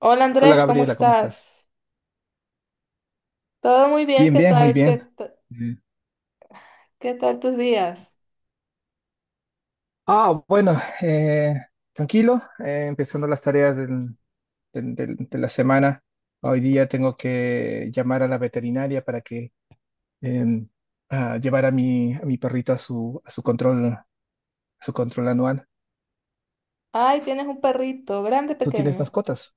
Hola Hola Andrés, ¿cómo Gabriela, ¿cómo estás? estás? Todo muy bien, Bien, ¿qué bien, muy tal? Bien. Eh, Qué tal tus días? Bueno, eh, tranquilo, empezando las tareas de la semana. Hoy día tengo que llamar a la veterinaria para que em, a llevar a a mi perrito a a su control anual. Ay, tienes un perrito, ¿grande, ¿Tú tienes pequeño? mascotas?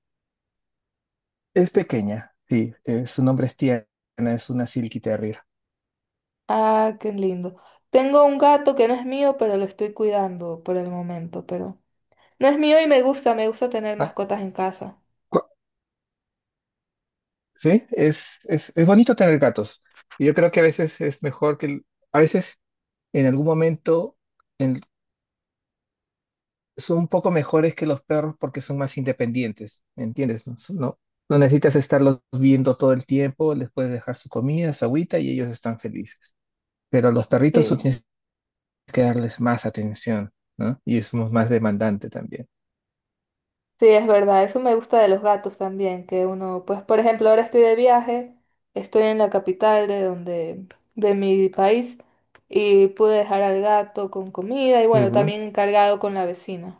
Es pequeña, sí, su nombre es Tiana, es una Silky Terrier. Ah, qué lindo. Tengo un gato que no es mío, pero lo estoy cuidando por el momento, pero no es mío y me gusta tener Ah, mascotas en casa. cu- Sí, es bonito tener gatos. Yo creo que a veces es mejor que, a veces en algún momento en- son un poco mejores que los perros porque son más independientes, ¿me entiendes? No, no, no necesitas estarlos viendo todo el tiempo, les puedes dejar su comida, su agüita y ellos están felices. Pero a los perritos tú Sí, tienes que darles más atención, ¿no? Y es más demandante también. sí, es verdad, eso me gusta de los gatos también, que uno, pues por ejemplo, ahora estoy de viaje, estoy en la capital de donde, de mi país, y pude dejar al gato con comida y bueno, también encargado con la vecina.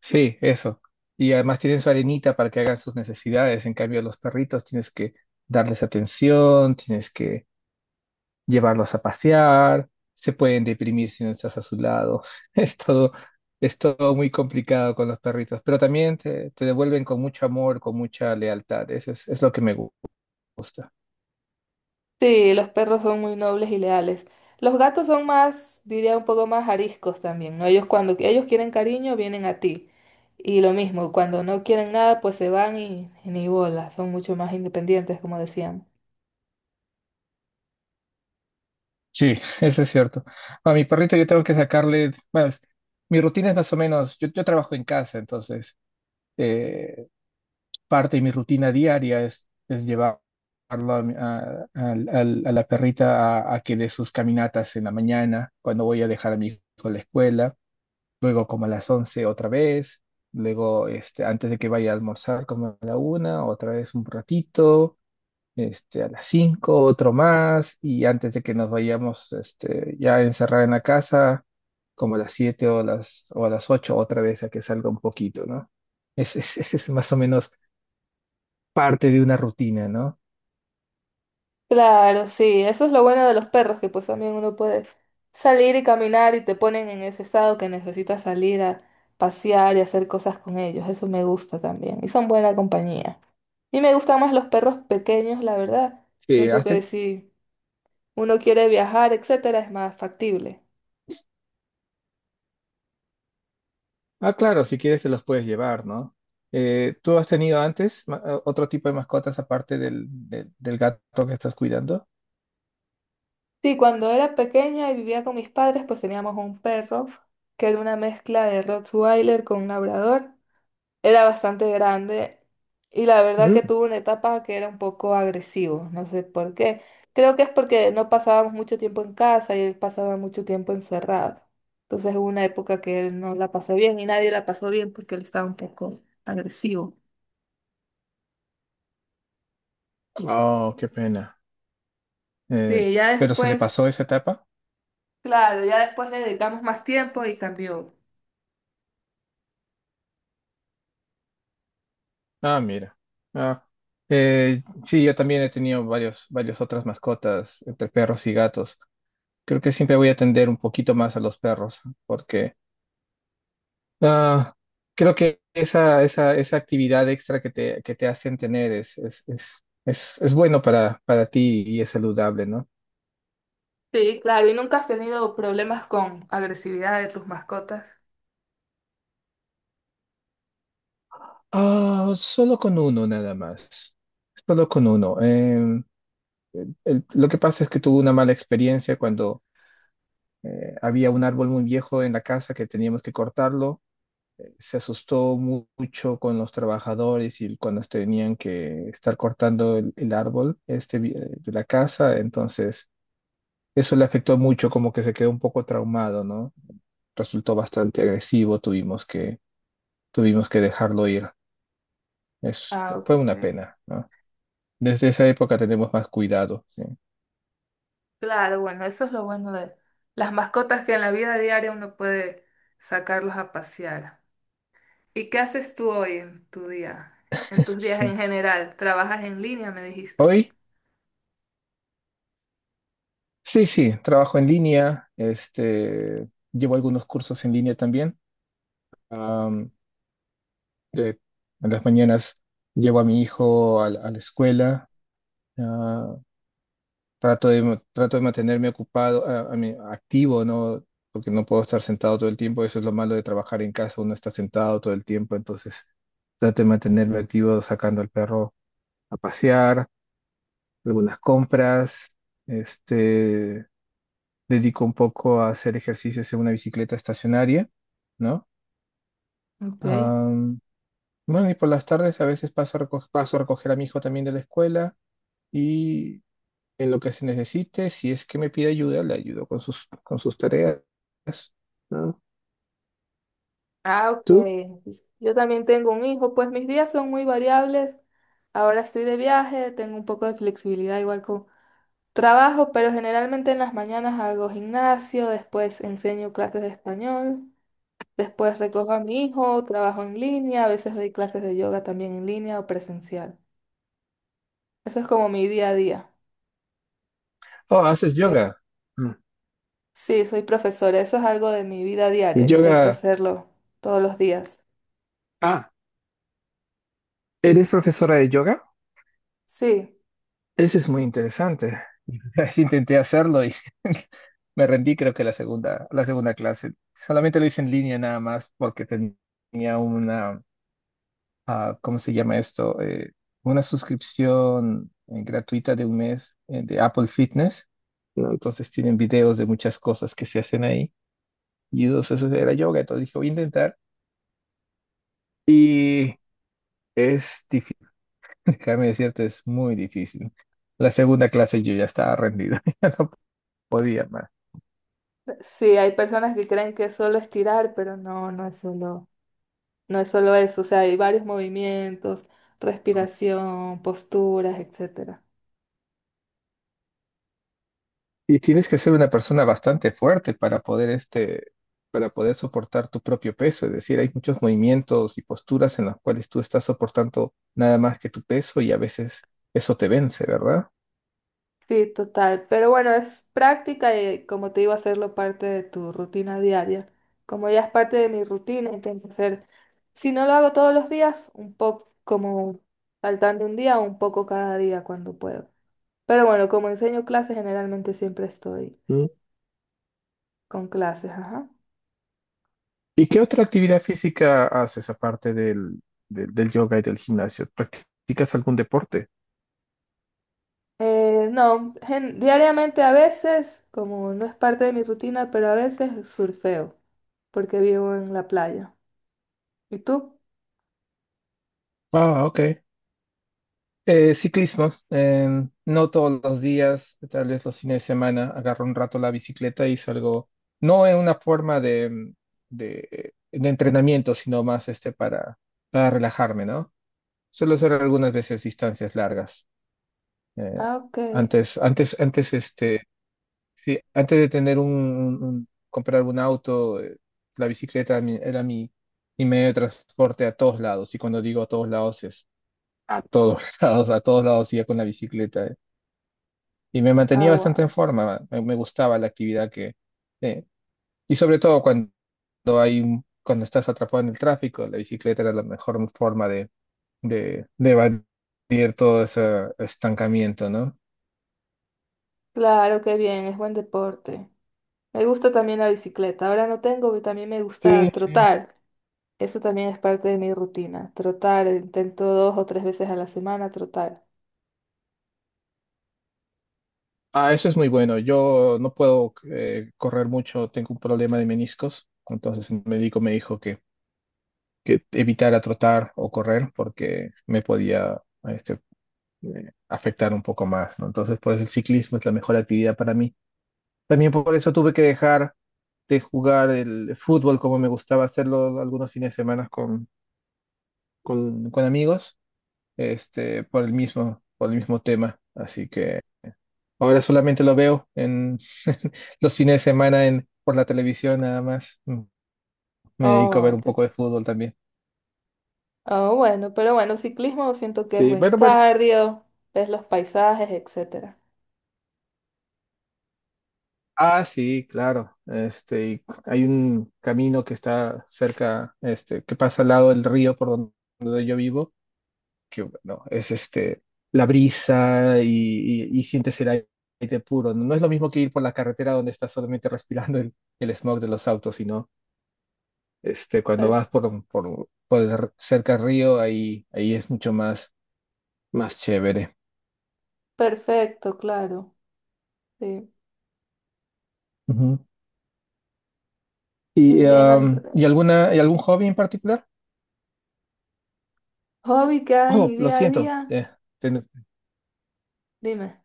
Sí, eso. Y además tienen su arenita para que hagan sus necesidades. En cambio, los perritos tienes que darles atención, tienes que llevarlos a pasear, se pueden deprimir si no estás a su lado. Es todo, es todo muy complicado con los perritos, pero también te devuelven con mucho amor, con mucha lealtad. Es lo que me gusta. Sí, los perros son muy nobles y leales. Los gatos son más, diría un poco más ariscos también, ¿no? Ellos cuando ellos quieren cariño vienen a ti. Y lo mismo, cuando no quieren nada, pues se van y ni bola, son mucho más independientes, como decíamos. Sí, eso es cierto. A mi perrito yo tengo que sacarle, bueno, mi rutina es más o menos, yo trabajo en casa, entonces eh, parte de mi rutina diaria es llevarlo a, mi- a- al- al- a la perrita a que dé sus caminatas en la mañana, cuando voy a dejar a mi hijo a la escuela, luego como a las 11 otra vez, luego este, antes de que vaya a almorzar como a la una, otra vez un ratito, este, a las 5 otro más, y antes de que nos vayamos este, ya a encerrar en la casa, como a las 7 o a las 8 otra vez a que salga un poquito, ¿no? Ese es más o menos parte de una rutina, ¿no? Claro, sí, eso es lo bueno de los perros, que pues también uno puede salir y caminar y te ponen en ese estado que necesitas salir a pasear y hacer cosas con ellos. Eso me gusta también. Y son buena compañía. Y me gustan más los perros pequeños, la verdad. Que Siento has que ten- sí. Uno quiere viajar, etcétera, es más factible. Ah, claro, si quieres te los puedes llevar, ¿no? ¿Tú has tenido antes otro tipo de mascotas aparte del gato que estás cuidando? Sí, cuando era pequeña y vivía con mis padres, pues teníamos un perro que era una mezcla de Rottweiler con un labrador. Era bastante grande y la verdad que Mm. tuvo una etapa que era un poco agresivo, no sé por qué. Creo que es porque no pasábamos mucho tiempo en casa y él pasaba mucho tiempo encerrado. Entonces hubo una época que él no la pasó bien y nadie la pasó bien porque él estaba un poco agresivo. Oh, qué pena. Eh, Sí, ya ¿Pero se le después. pasó esa etapa? Claro, ya después le dedicamos más tiempo y cambió. Ah, mira. Ah, sí, yo también he tenido varias otras mascotas entre perros y gatos. Creo que siempre voy a atender un poquito más a los perros porque Ah, creo que esa actividad extra que que te hacen tener es bueno para ti y es saludable, ¿no? Sí, claro, ¿y nunca has tenido problemas con agresividad de tus mascotas? Ah, solo con uno nada más. Solo con uno. Lo que pasa es que tuve una mala experiencia cuando había un árbol muy viejo en la casa que teníamos que cortarlo. Se asustó mucho con los trabajadores y cuando tenían que estar cortando el árbol este, de la casa. Entonces eso le afectó mucho, como que se quedó un poco traumado, ¿no? Resultó bastante agresivo, tuvimos que dejarlo ir. Ah, Fue una ok. pena, ¿no? Desde esa época tenemos más cuidado, ¿sí? Claro, bueno, eso es lo bueno de las mascotas, que en la vida diaria uno puede sacarlos a pasear. ¿Y qué haces tú hoy en tu día? En tus días Sí. en general, ¿trabajas en línea, me dijiste? Hoy, sí, sí, trabajo en línea, este, llevo algunos cursos en línea también. Am, de- en las mañanas llevo a mi hijo a la escuela. ah, Trato de trato de mantenerme ocupado, a mí, activo, ¿no? Porque no puedo estar sentado todo el tiempo. Eso es lo malo de trabajar en casa. Uno está sentado todo el tiempo. Entonces, trato de mantenerme activo sacando al perro a pasear, algunas compras. Este, dedico un poco a hacer ejercicios en una bicicleta estacionaria, ¿no? Okay. Am, bueno, y por las tardes a veces paso a recoger a mi hijo también de la escuela. En lo que se necesite, si es que me pide ayuda, le ayudo con con sus tareas. ¿No? Ah, ok. ¿Tú? Yo también tengo un hijo, pues mis días son muy variables. Ahora estoy de viaje, tengo un poco de flexibilidad igual con trabajo, pero generalmente en las mañanas hago gimnasio, después enseño clases de español, después recojo a mi hijo, trabajo en línea, a veces doy clases de yoga también en línea o presencial. Eso es como mi día a día. Oh, haces yoga. Mm. Sí, soy profesora, eso es algo de mi vida El diaria, intento yoga. hacerlo todos los días. Ah, Sí, ¿eres profesora de yoga? sí, Eso es muy interesante. Ya intenté hacerlo y me rendí, creo que la segunda clase. Solamente lo hice en línea nada más porque tenía una, ah, ¿cómo se llama esto? Una suscripción gratuita de un mes de Apple Fitness. No, entonces tienen videos de muchas cosas que se hacen ahí. Y entonces eso era yoga. Entonces dije, voy a intentar. Y es difícil, déjame decirte, es muy difícil. La segunda clase yo ya estaba rendido. No podía más. sí, hay personas que creen que es solo estirar, pero no, no es solo eso, o sea, hay varios movimientos, respiración, posturas, etcétera. Y tienes que ser una persona bastante fuerte para poder este, para poder soportar tu propio peso. Es decir, hay muchos movimientos y posturas en las cuales tú estás soportando nada más que tu peso y a veces eso te vence, ¿verdad? Sí, total. Pero bueno, es práctica y como te digo, hacerlo parte de tu rutina diaria. Como ya es parte de mi rutina, intento hacer, si no lo hago todos los días, un poco como saltando un día, un poco cada día cuando puedo. Pero bueno, como enseño clases, generalmente siempre estoy Mm. con clases, ajá. ¿Y qué otra actividad física haces aparte del yoga y del gimnasio? ¿Practicas algún deporte? No, diariamente a veces, como no es parte de mi rutina, pero a veces surfeo, porque vivo en la playa. ¿Y tú? Ah, ok. Ciclismo, no todos los días, tal vez los fines de semana, agarro un rato la bicicleta y salgo, no en una forma de entrenamiento, sino más este para relajarme, ¿no? Suelo hacer algunas veces distancias largas. eh, Ah, ok. Antes, este, sí, antes de tener comprar un auto, la bicicleta era mi mi medio de transporte a todos lados. Y cuando digo a todos lados es a todos lados, a todos lados iba con la bicicleta. Y me mantenía bastante en Agua. forma, me gustaba la actividad que... eh, y sobre todo cuando cuando estás atrapado en el tráfico, la bicicleta era la mejor forma de evadir todo ese estancamiento, ¿no? Claro, qué bien, es buen deporte. Me gusta también la bicicleta. Ahora no tengo, pero también me gusta Sí, sí. trotar. Eso también es parte de mi rutina. Trotar, intento 2 o 3 veces a la semana trotar. Ah, eso es muy bueno. Yo no puedo correr mucho, tengo un problema de meniscos, entonces el médico me dijo que evitara trotar o correr porque me podía este, afectar un poco más, ¿no? Entonces, por eso el ciclismo es la mejor actividad para mí. También por eso tuve que dejar de jugar el fútbol como me gustaba hacerlo algunos fines de semana con amigos, este, por el mismo tema. Así que ahora solamente lo veo en los fines de semana en, por la televisión nada más. Mm, me dedico a ver Oh, un te- poco de fútbol también. oh, bueno, pero bueno, ciclismo siento que es Sí, buen bueno, bueno. cardio, ves los paisajes, etcétera. Ah, sí, claro. Este, y hay un camino que está cerca, este, que pasa al lado del río por donde yo vivo que bueno, es este, la brisa y y sientes el aire puro. No, no es lo mismo que ir por la carretera donde estás solamente respirando el smog de los autos, sino este, cuando Perf- vas por el cerca al río, ahí es mucho más, más chévere. perfecto, claro. Sí, Ujú. muy bien. ¿Y algún hobby en particular? Hobby que hago en Oh, mi lo día a siento. día. Ten- Dime.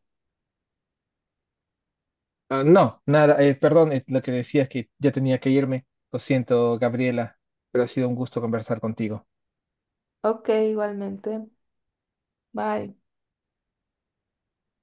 no, nada, perdón, lo que decía es que ya tenía que irme. Lo siento, Gabriela, pero ha sido un gusto conversar contigo. Ok, igualmente. Bye.